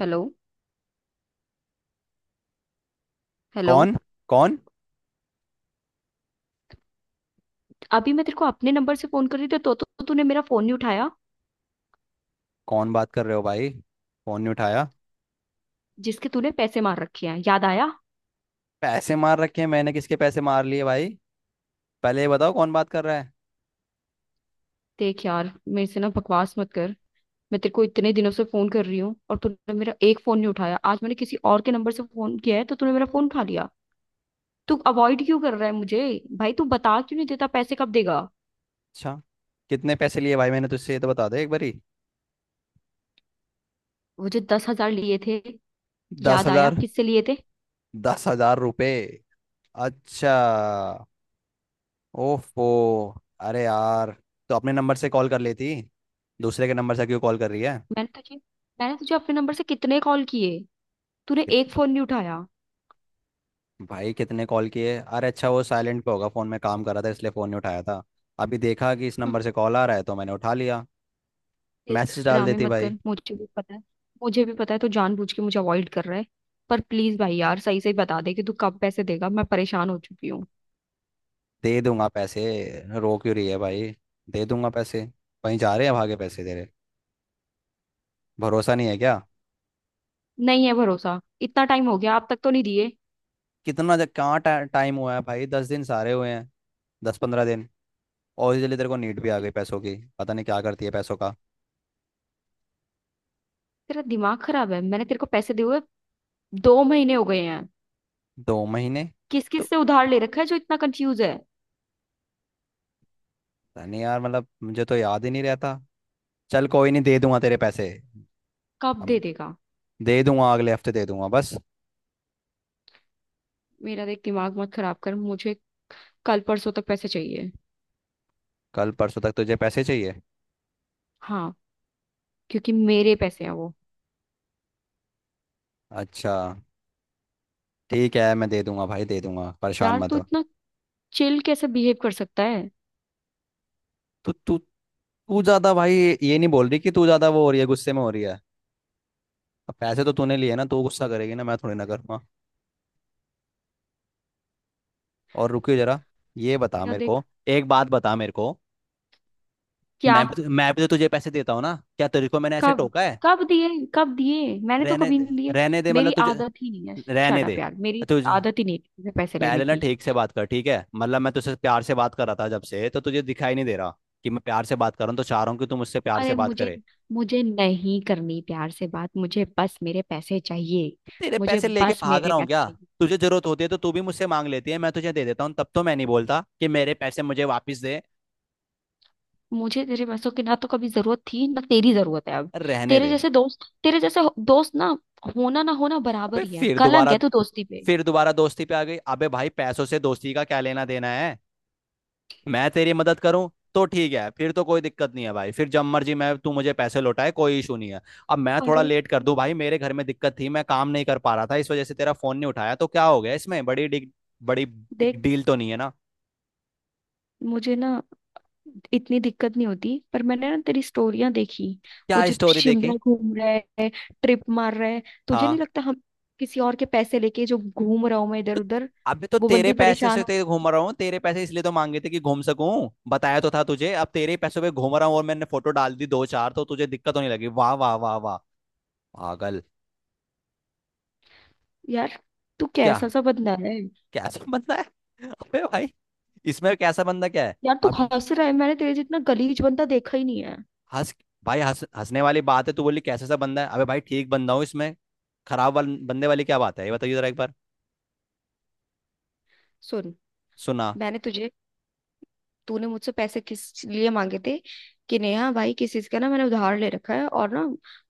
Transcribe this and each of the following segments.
Hello. Hello. कौन कौन अभी मैं तेरे को अपने नंबर से फोन कर रही थी तो तूने मेरा फोन नहीं उठाया। कौन बात कर रहे हो भाई। फोन नहीं उठाया। जिसके तूने पैसे मार रखे हैं, याद आया? पैसे मार रखे हैं? मैंने किसके पैसे मार लिए भाई। पहले ये बताओ कौन बात कर रहा है। देख यार, मेरे से ना बकवास मत कर। मैं तेरे को इतने दिनों से फोन कर रही हूँ और तूने मेरा एक फोन नहीं उठाया। आज मैंने किसी और के नंबर से फोन किया है तो तूने मेरा फोन उठा लिया। तू अवॉइड क्यों कर रहा है मुझे? भाई तू बता क्यों नहीं देता, पैसे कब देगा? अच्छा। कितने पैसे लिए भाई मैंने तुझसे, ये तो बता दे एक बारी। वो जो 10,000 लिए थे, दस याद आया हजार किससे लिए थे? 10,000 रुपये? अच्छा। ओफो। अरे यार। तो अपने नंबर से कॉल कर लेती। दूसरे के नंबर से क्यों कॉल कर रही है। मैंने तुझे मैंने तुझे अपने नंबर से कितने कॉल किए, तूने कित, एक फोन नहीं उठाया। भाई कितने कॉल किए? अरे अच्छा, वो साइलेंट पे होगा फोन, में काम कर रहा था इसलिए फोन नहीं उठाया था। अभी देखा कि इस नंबर से कॉल आ रहा है तो मैंने उठा लिया। देख मैसेज डाल ड्रामे देती मत कर, भाई। मुझे भी पता है। मुझे भी पता है तू जानबूझ के मुझे अवॉइड कर रहा है। पर प्लीज भाई यार सही से बता दे कि तू कब पैसे देगा, मैं परेशान हो चुकी हूँ। दे दूंगा पैसे। रो क्यों रही है भाई? दे दूंगा पैसे। कहीं जा रहे हैं भागे पैसे तेरे? भरोसा नहीं है क्या? नहीं है भरोसा, इतना टाइम हो गया, अब तक तो नहीं दिए। कितना, जब कहाँ टाइम हुआ है भाई? 10 दिन सारे हुए हैं। 10-15 दिन। और जल्दी तेरे को नीड भी आ गई पैसों की, पता नहीं क्या करती है पैसों का। तेरा दिमाग खराब है, मैंने तेरे को पैसे दिए हुए 2 महीने हो गए हैं। 2 महीने? किस किस तो से उधार ले रखा है जो इतना कंफ्यूज है? पता नहीं यार, मतलब मुझे तो याद ही नहीं रहता। चल कोई नहीं, दे दूंगा तेरे पैसे। कब दे अब। देगा? दे दूंगा, अगले हफ्ते दे दूंगा बस। मेरा देख दिमाग मत खराब कर मुझे। कल परसों तक पैसे चाहिए। कल परसों तक तुझे पैसे चाहिए? हाँ, क्योंकि मेरे पैसे हैं वो। अच्छा। ठीक है, मैं दे दूंगा भाई, दे दूंगा, परेशान यार मत तू हो। इतना चिल कैसे बिहेव कर सकता है? तो तू तू ज्यादा भाई। ये नहीं बोल रही कि तू ज्यादा, वो हो रही है, गुस्से में हो रही है। अब पैसे तो तूने लिए ना, तू गुस्सा करेगी ना, मैं थोड़ी ना करूंगा। और रुकियो जरा। ये बता मेरा मेरे देख को। एक बात बता मेरे को। क्या, मैं भी तो तुझे पैसे देता हूँ ना, क्या तेरे को मैंने ऐसे कब टोका है? कब दिए? कब दिए? मैंने तो रहने कभी दे, नहीं लिए। रहने दे, मतलब मेरी तुझे। आदत ही नहीं है। रहने शट अप दे। यार, मेरी तुझे। आदत ही नहीं है किसी से पैसे लेने पहले ना की। ठीक से बात कर ठीक है? मतलब मैं तुझसे प्यार से बात कर रहा था जब से, तो तुझे दिखाई नहीं दे रहा। कि मैं प्यार से बात कर रहा हूँ, तो चाह रहा हूँ कि तू मुझसे प्यार से अरे बात मुझे करे। मुझे नहीं करनी प्यार से बात, मुझे बस मेरे पैसे चाहिए। तेरे मुझे पैसे लेके बस भाग मेरे रहा हूँ पैसे क्या? चाहिए। तुझे जरूरत होती है तो तू भी मुझसे मांग लेती है, मैं तुझे दे देता हूँ, तब तो मैं नहीं बोलता कि मेरे पैसे मुझे वापस दे। मुझे तेरे पैसों की ना तो कभी जरूरत थी ना तेरी जरूरत है अब। रहने तेरे दे। जैसे दोस्त दोस्त ना होना बराबर अबे ही है, फिर कलंक दोबारा है तू दोस्ती पे। फिर दोबारा दोस्ती पे आ गई। अबे भाई पैसों से दोस्ती का क्या लेना देना है। मैं तेरी मदद करूं। तो ठीक है, फिर तो कोई दिक्कत नहीं है भाई, फिर जब मर्जी मैं तू मुझे पैसे लौटाए, कोई इशू नहीं है। अब मैं थोड़ा अरे लेट कर दूं भाई, मेरे घर में दिक्कत थी, मैं काम नहीं कर पा रहा था, इस वजह से तेरा फोन नहीं उठाया तो क्या हो गया इसमें? बड़ी बिग देख, डील तो नहीं है ना। मुझे ना इतनी दिक्कत नहीं होती पर मैंने ना तेरी स्टोरियां देखी। वो क्या जो तू स्टोरी देखी? शिमला घूम रहा है, ट्रिप मार रहा है। तुझे हाँ। नहीं लगता हम किसी और के पैसे लेके जो घूम रहा हूं मैं इधर उधर? अबे, तो वो तेरे बंदी पैसे परेशान से हो। तो ये घूम रहा हूँ, तेरे पैसे इसलिए तो मांगे थे कि घूम सकूं, बताया तो था तुझे, अब तेरे ही पैसों पे घूम रहा हूँ और मैंने फोटो डाल दी दो चार तो तुझे दिक्कत होने लगी। वाह वाह वाह वाह। पागल। यार तू क्या? कैसा सा बंदा है? कैसा बंदा है? अबे भाई। इसमें कैसा बंदा क्या है? यार तू अब। हंस रहा है, मैंने तेरे जितना गलीज बंदा देखा ही नहीं है। हंस। भाई हंस हंसने वाली बात है, तू बोली कैसा सा बंदा है, अबे भाई ठीक बंदा हूँ इसमें। बंदे वाली क्या बात है ये बताइए जरा एक बार। सुन, सुना। मैंने तुझे तूने मुझसे पैसे किस लिए मांगे थे? कि नेहा भाई, किस चीज का ना मैंने उधार ले रखा है और ना,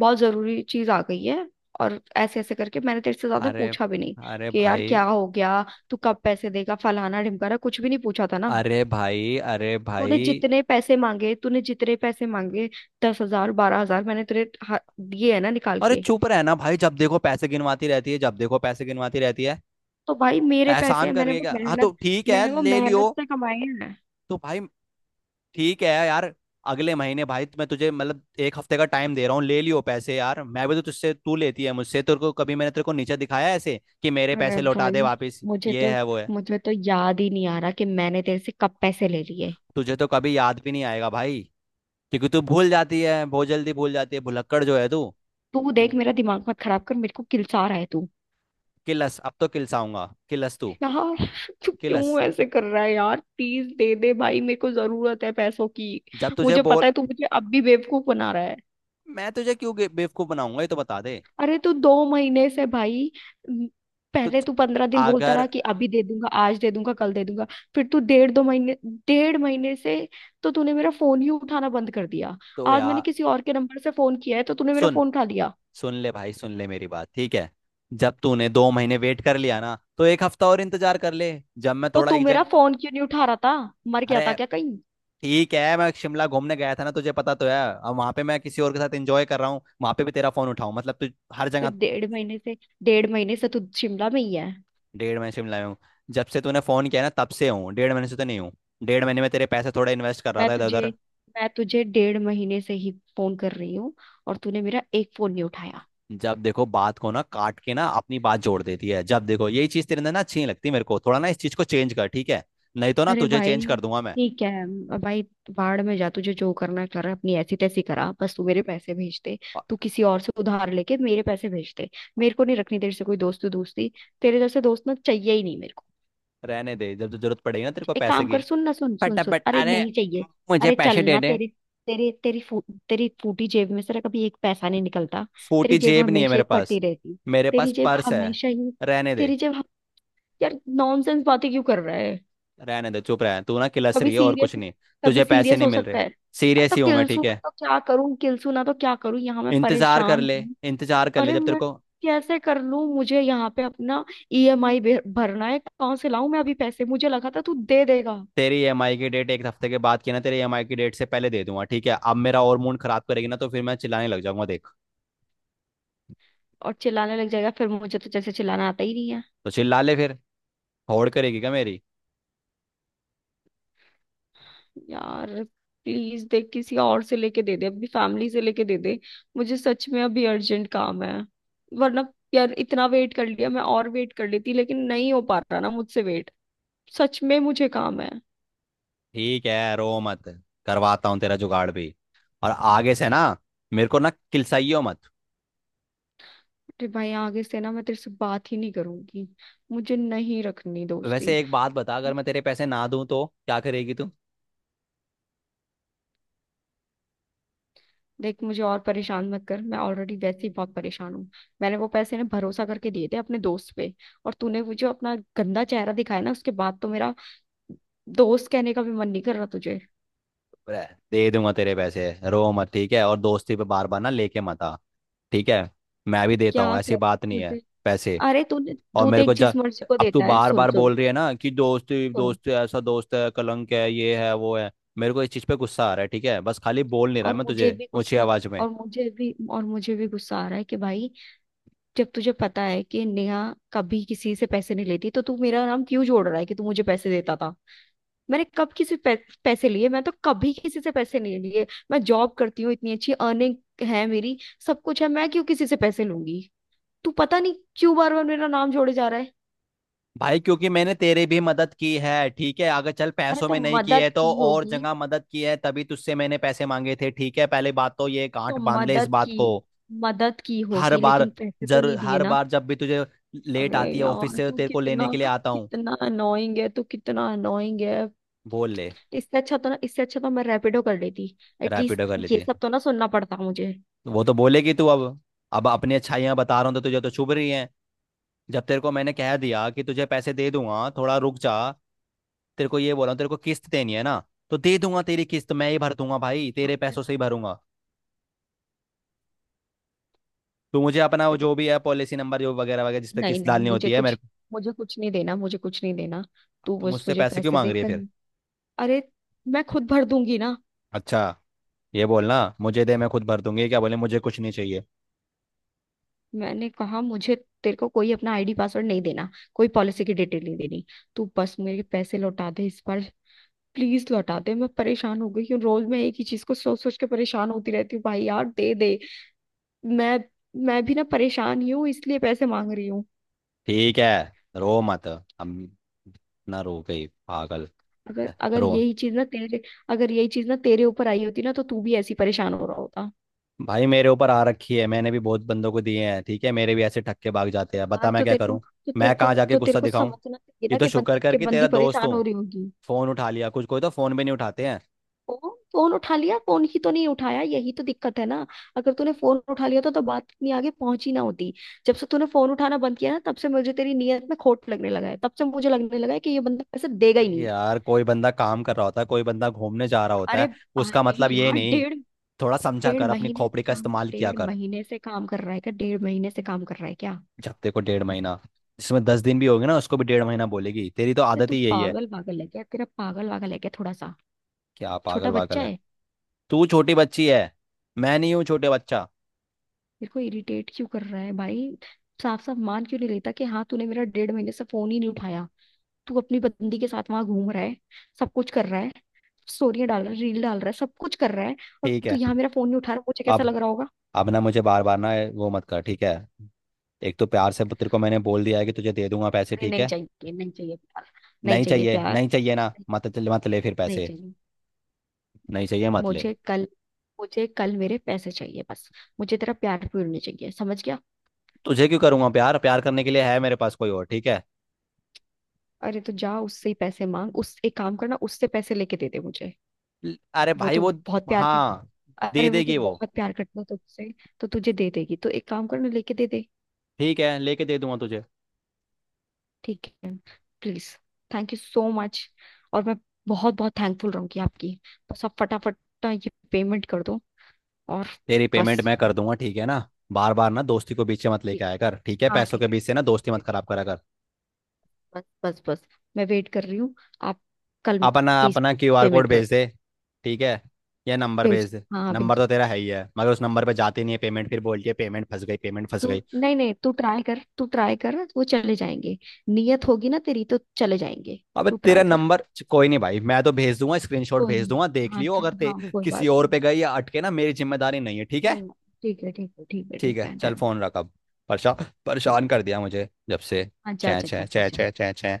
बहुत जरूरी चीज आ गई है। और ऐसे ऐसे करके मैंने तेरे से ज्यादा अरे। पूछा भी नहीं अरे कि यार भाई। क्या हो गया, तू कब पैसे देगा, फलाना ढिमकाना, कुछ भी नहीं पूछा था ना। अरे भाई। अरे तूने भाई। जितने पैसे मांगे तूने जितने पैसे मांगे 10,000, 12,000, मैंने तेरे दिए है ना निकाल अरे के। चुप रहना भाई, जब देखो पैसे गिनवाती रहती है, जब देखो पैसे गिनवाती रहती है। तो भाई मेरे पैसे एहसान हैं, कर मैंने रही है वो क्या? हाँ तो मेहनत ठीक है, मैंने वो ले लियो। मेहनत से कमाए हैं। तो भाई। ठीक है यार। अगले महीने भाई, मैं तुझे मतलब एक हफ्ते का टाइम दे रहा हूँ, ले लियो पैसे यार। मैं भी तो तुझसे, तू लेती है मुझसे, तेरे को कभी मैंने तेरे को नीचे दिखाया है ऐसे कि मेरे अरे पैसे लौटा दे भाई, वापस? मुझे ये तो है वो है। मुझे तो याद ही नहीं आ रहा कि मैंने तेरे से कब पैसे ले लिए। तुझे तो कभी याद भी नहीं आएगा भाई। क्योंकि तू भूल जाती है, बहुत जल्दी भूल जाती है, भुलक्कड़ जो है तू। तू देख मेरा दिमाग मत खराब कर, मेरे को किलसा रहा है तू। किलस, अब तो किलसाऊंगा, किलस तू। यार तू क्यों किलस ऐसे कर रहा है यार, प्लीज दे दे भाई, मेरे को जरूरत है पैसों की। जब तुझे मुझे बोल। पता है तू मुझे अब भी बेवकूफ बना रहा। मैं तुझे क्यों बेवकूफ बनाऊंगा ये तो बता दे। अरे तो 2 महीने से भाई, म, तू पहले तू 15 दिन बोलता अगर। रहा कि अभी दे दूंगा, आज दे दूंगा, कल दे दूंगा। फिर तू डेढ़ महीने से तो तूने मेरा फोन ही उठाना बंद कर दिया। तो आज मैंने यार। किसी और के नंबर से फोन किया है तो तूने मेरा सुन। फोन उठा लिया। सुन ले भाई, सुन ले मेरी बात, ठीक है। जब तूने 2 महीने वेट कर लिया ना, तो एक हफ्ता और इंतजार कर ले। जब मैं तो थोड़ा तू एक मेरा जंग। फोन क्यों नहीं उठा रहा था? मर गया था अरे। क्या कहीं? ठीक है, मैं शिमला घूमने गया था ना, तुझे पता तो है, अब वहां पे मैं किसी और के साथ एंजॉय कर रहा हूँ, वहां पे भी तेरा फोन उठाऊं मतलब तू। हर तो जगह। डेढ़ महीने से तू शिमला में ही है। डेढ़ महीने शिमला में हूँ। जब से तूने फोन किया ना तब से हूँ, डेढ़ महीने से तो नहीं हूँ। डेढ़ महीने में तेरे पैसे थोड़े इन्वेस्ट कर रहा मैं था इधर तुझे उधर। मैं तुझे डेढ़ महीने से ही फोन कर रही हूँ और तूने मेरा एक फोन नहीं उठाया। जब देखो बात को ना काट के ना अपनी बात जोड़ देती है, जब देखो यही चीज तेरे अंदर ना अच्छी नहीं लगती मेरे को, थोड़ा ना इस चीज को चेंज कर ठीक है? नहीं तो ना अरे तुझे भाई चेंज कर दूंगा मैं। ठीक है, अब भाई बाढ़ में जा, तुझे जो करना है कर, अपनी ऐसी तैसी करा, बस तू मेरे पैसे भेज दे। अ- तू किसी और से उधार लेके मेरे पैसे भेज दे। अ- मेरे को नहीं रखनी तेरे से कोई दोस्ती दोस्ती। तेरे जैसे दोस्त ना चाहिए ही नहीं मेरे को। रहने दे, जब जब जरूरत पड़ेगी ना तेरे को एक पैसे काम की। कर, सुन ना, सुन सुन सुन, फटाफट अरे अरे। नहीं चाहिए। मुझे अरे पैसे दे चलना, दे। तेरे तेरे तेरी फू, तेरी फूटी जेब में से ना कभी एक पैसा नहीं निकलता। तेरी फूटी जेब जेब नहीं है हमेशा मेरे ही फटी पास। रहती। मेरे पास तेरी जेब पर्स है। हमेशा ही रहने दे। तेरी जेब हम- यार नॉनसेंस बातें क्यों कर रहा है? रहने दे, चुप रह तू, ना किलस कभी रही है और कुछ सीरियस नहीं। कभी तुझे पैसे सीरियस नहीं हो मिल सकता रहे। है? अरे सीरियस तो ही हूं मैं, किलसू ठीक है। तो क्या करूं, किलसू ना तो क्या करूं, यहाँ मैं इंतजार कर परेशान ले। हूँ। इंतजार कर ले अरे जब तेरे मैं को। कैसे कर लूं, मुझे यहाँ पे अपना ईएमआई भरना है, कहाँ से लाऊं मैं अभी पैसे, मुझे लगा था तू दे देगा। तेरी ईएमआई की डेट एक हफ्ते के बाद की है ना, तेरी ईएमआई की डेट से पहले दे दूंगा, ठीक है? अब मेरा और मूड खराब करेगी ना, तो फिर मैं चिल्लाने लग जाऊंगा देख। और चिल्लाने लग जाएगा फिर, मुझे तो जैसे चिल्लाना आता ही नहीं है। तो चिल्ला ले फिर। होड़ करेगी क्या मेरी? यार प्लीज देख किसी और से लेके दे दे, अपनी फैमिली से लेके दे दे, मुझे सच में अभी अर्जेंट काम है, वरना, यार इतना वेट कर लिया मैं और वेट कर लेती लेकिन नहीं हो पा रहा ना मुझसे वेट। सच में मुझे काम है। ठीक है रो मत। करवाता हूँ तेरा जुगाड़ भी। और आगे से ना। मेरे को ना किलसाइयो मत। अरे भाई आगे से ना मैं तेरे से बात ही नहीं करूंगी, मुझे नहीं रखनी वैसे दोस्ती। एक बात बता, अगर मैं तेरे पैसे ना दूं तो क्या करेगी तू? देख मुझे और परेशान मत कर, मैं ऑलरेडी वैसे ही बहुत परेशान हूँ। मैंने वो पैसे ना भरोसा करके दिए थे अपने दोस्त पे, और तूने वो जो अपना गंदा चेहरा दिखाया ना, उसके बाद तो मेरा दोस्त कहने का भी मन नहीं कर रहा तुझे। रह, दे दूंगा तेरे पैसे, रो मत ठीक है, और दोस्ती पे बार बार ना लेके मत आ। ठीक है। मैं भी तो देता हूँ, क्या ऐसी कर बात नहीं है। तुझे, पैसे। अरे तू और तू मेरे को देख जा। जिस मर्जी को अब तू देता है, बार सुन बार सुन बोल रही है ना कि दोस्त सुन। दोस्त, ऐसा दोस्त है, कलंक है, ये है वो है। मेरे को इस चीज पे गुस्सा आ रहा है, ठीक है? बस खाली बोल नहीं रहा और मैं मुझे तुझे भी ऊंची गुस्सा आवाज में। और मुझे भी गुस्सा आ रहा है कि भाई, जब तुझे पता है कि नेहा कभी किसी से पैसे नहीं लेती तो तू मेरा नाम क्यों जोड़ रहा है कि तू मुझे पैसे देता था? मैंने कब किसी पैसे लिए? मैं तो कभी किसी से पैसे नहीं लिए, मैं जॉब करती हूँ, इतनी अच्छी अर्निंग है मेरी, सब कुछ है, मैं क्यों किसी से पैसे लूंगी? तू पता नहीं क्यों बार बार मेरा नाम जोड़े जा रहा है। भाई क्योंकि मैंने तेरी भी मदद की है, ठीक है? अगर चल अरे पैसों तो में नहीं की है मदद तो की और होगी, जगह मदद की है, तभी तुझसे मैंने पैसे मांगे थे, ठीक है? पहले बात तो ये गांठ तो बांध ले इस मदद बात की, को। मदद की हर होगी, बार लेकिन पैसे तो नहीं दिए हर ना। बार जब भी तुझे लेट अरे आती है ऑफिस यार से, तू तेरे को कितना लेने के लिए आता हूँ। कितना अनोइंग है, तू कितना अनोइंग है! बोल ले। इससे अच्छा तो मैं रैपिडो कर लेती, रैपिडो एटलीस्ट कर लेती ये है। सब तो ना सुनना पड़ता मुझे। वो तो बोलेगी तू अब। अब अपनी अच्छाइयाँ बता रहा हूँ तो तुझे तो चुभ रही हैं। जब तेरे को मैंने कह दिया कि तुझे पैसे दे दूंगा थोड़ा रुक जा। तेरे को ये बोला तेरे को किस्त देनी है ना? तो दे दूंगा तेरी किस्त, मैं ही भर दूंगा भाई, तेरे मुझे पैसों से ही भरूंगा। तू मुझे अपना वो दे- जो भी है पॉलिसी नंबर जो वगैरह वगैरह जिस पे नहीं किस्त नहीं, डालनी होती है मेरे को। मुझे कुछ नहीं देना, मुझे कुछ नहीं देना। तू तो बस मुझसे मुझे पैसे क्यों पैसे मांग दे रही है फिर? कर, अरे मैं खुद भर दूंगी ना। अच्छा। ये बोलना मुझे दे मैं खुद भर दूंगी, क्या बोले मुझे कुछ नहीं चाहिए? मैंने कहा मुझे, तेरे को कोई अपना आईडी पासवर्ड नहीं देना, कोई पॉलिसी की डिटेल नहीं देनी, तू बस मेरे पैसे लौटा दे इस बार, प्लीज लौटा दे, मैं परेशान हो गई हूँ, रोज मैं एक ही चीज को सोच सोच के परेशान होती रहती हूँ भाई यार दे दे। मैं मैं भी ना परेशान ही हूँ इसलिए पैसे मांग रही हूँ। ठीक है रो मत। हम। ना रो गई पागल। अगर अगर रो। यही चीज ना तेरे अगर यही चीज ना तेरे ऊपर आई होती ना तो तू भी ऐसी परेशान हो रहा होता। भाई मेरे ऊपर आ रखी है, मैंने भी बहुत बंदों को दिए हैं, ठीक है? मेरे भी ऐसे ठक्के भाग जाते तो हैं, यार, बता मैं क्या करूं। मैं कहाँ जाके तो तेरे गुस्सा को दिखाऊं। समझना चाहिए ये ना तो कि शुक्र बंदी कर कि कि तेरा बंदी दोस्त परेशान हूँ। हो रही होगी। फोन उठा लिया, कुछ कोई तो फोन भी नहीं उठाते हैं। फोन फोन उठा लिया? फोन ही तो नहीं उठाया, यही तो दिक्कत है ना। अगर तूने फोन उठा लिया तो बात इतनी आगे पहुंची ना होती। जब से तूने फोन उठाना बंद किया ना तब से मुझे तेरी नीयत में खोट लगने लगा है, तब से मुझे लगने लगा है कि ये बंदा पैसे देगा ही भाई नहीं। यार कोई बंदा काम कर रहा होता है, कोई बंदा घूमने जा रहा होता अरे है। उसका भाई मतलब ये यार, नहीं। डेढ़ थोड़ा समझा डेढ़ कर, अपनी महीने से खोपड़ी का काम इस्तेमाल किया डेढ़ कर। महीने से काम कर रहा है क्या? डेढ़ महीने से काम कर रहा है क्या? जब तेरे को डेढ़ महीना, जिसमें 10 दिन भी होंगे ना उसको भी डेढ़ महीना बोलेगी, तेरी तो ये आदत तू ही यही है। पागल पागल है क्या, तेरा पागल वागल है क्या थोड़ा सा? क्या पागल छोटा बच्चा वागल है? है? तू छोटी बच्ची है। मैं नहीं हूँ छोटे बच्चा। मेरे को इरिटेट क्यों कर रहा है भाई? साफ साफ मान क्यों नहीं लेता कि हाँ, तूने मेरा डेढ़ महीने से फोन ही नहीं उठाया, तू अपनी बंदी के साथ वहां घूम रहा है, सब कुछ कर रहा है, स्टोरियां डाल रहा है, रील डाल रहा है, सब कुछ कर रहा है। और ठीक तू है। यहाँ मेरा फोन नहीं उठा रहा, मुझे कैसा अब लग रहा होगा? अब ना मुझे बार बार ना वो मत कर, ठीक है? एक तो प्यार से तेरे को मैंने बोल दिया है कि तुझे दे दूंगा पैसे, अरे ठीक नहीं है? चाहिए, नहीं चाहिए प्यार, नहीं नहीं चाहिए चाहिए, प्यार, नहीं चाहिए ना नहीं मत चल मत ले फिर नहीं पैसे। चाहिए। नहीं चाहिए मत ले। मुझे कल मुझे कल मेरे पैसे चाहिए बस। मुझे तेरा प्यार पूरी नहीं चाहिए समझ गया? तुझे क्यों करूंगा प्यार, प्यार करने के लिए है मेरे पास कोई और, ठीक है? अरे तो जा उससे ही पैसे मांग, उस एक काम करना उससे पैसे लेके दे दे मुझे। अरे वो भाई तो वो। बहुत प्यार हाँ। करता दे अरे वो तो देगी वो। बहुत प्यार करता है तुझसे, तो तुझे दे देगी, तो एक काम करना लेके दे दे। ठीक है लेके दे दूंगा तुझे। ठीक है, please, thank you so much, और मैं बहुत बहुत थैंकफुल रहूंगी आपकी, बस आप फटाफट ना ये पेमेंट कर दो, और तेरी बस। पेमेंट मैं कर दूंगा, ठीक है ना? बार बार ना दोस्ती को बीच में मत लेके ठीक आया है, कर, ठीक है? हाँ पैसों के ठीक है, बीच से ना ठीक दोस्ती है मत ठीक खराब है। करा कर। बस बस बस, मैं वेट कर रही हूँ, आप कल, अपना प्लीज अपना क्यूआर कोड पेमेंट कर, भेज दे। ठीक है। या नंबर भेज, भेज दे। हाँ। नंबर तो तेरा है ही है, मगर उस नंबर पे जाती नहीं है पेमेंट, फिर बोलती है पेमेंट फंस गई, पेमेंट फंस तू गई। नहीं नहीं, तू ट्राई कर, तू ट्राई कर, वो चले जाएंगे। नियत होगी ना तेरी तो चले जाएंगे। अबे तू तेरा ट्राई कर, नंबर। कोई नहीं भाई, मैं तो भेज दूंगा स्क्रीनशॉट कोई भेज दूंगा, नहीं, देख हाँ लियो चल, अगर ते हाँ कोई किसी बात और नहीं, पे गई या अटके ना, मेरी जिम्मेदारी नहीं है, ठीक है। कोई ना। ठीक है ठीक है ठीक है ठीक ठीक है है, चल डन। फोन रख अब। परेशान परेशान कर दिया मुझे जब से। हाँ, जा चै जा चै जा जा चै जा। चै चै चै।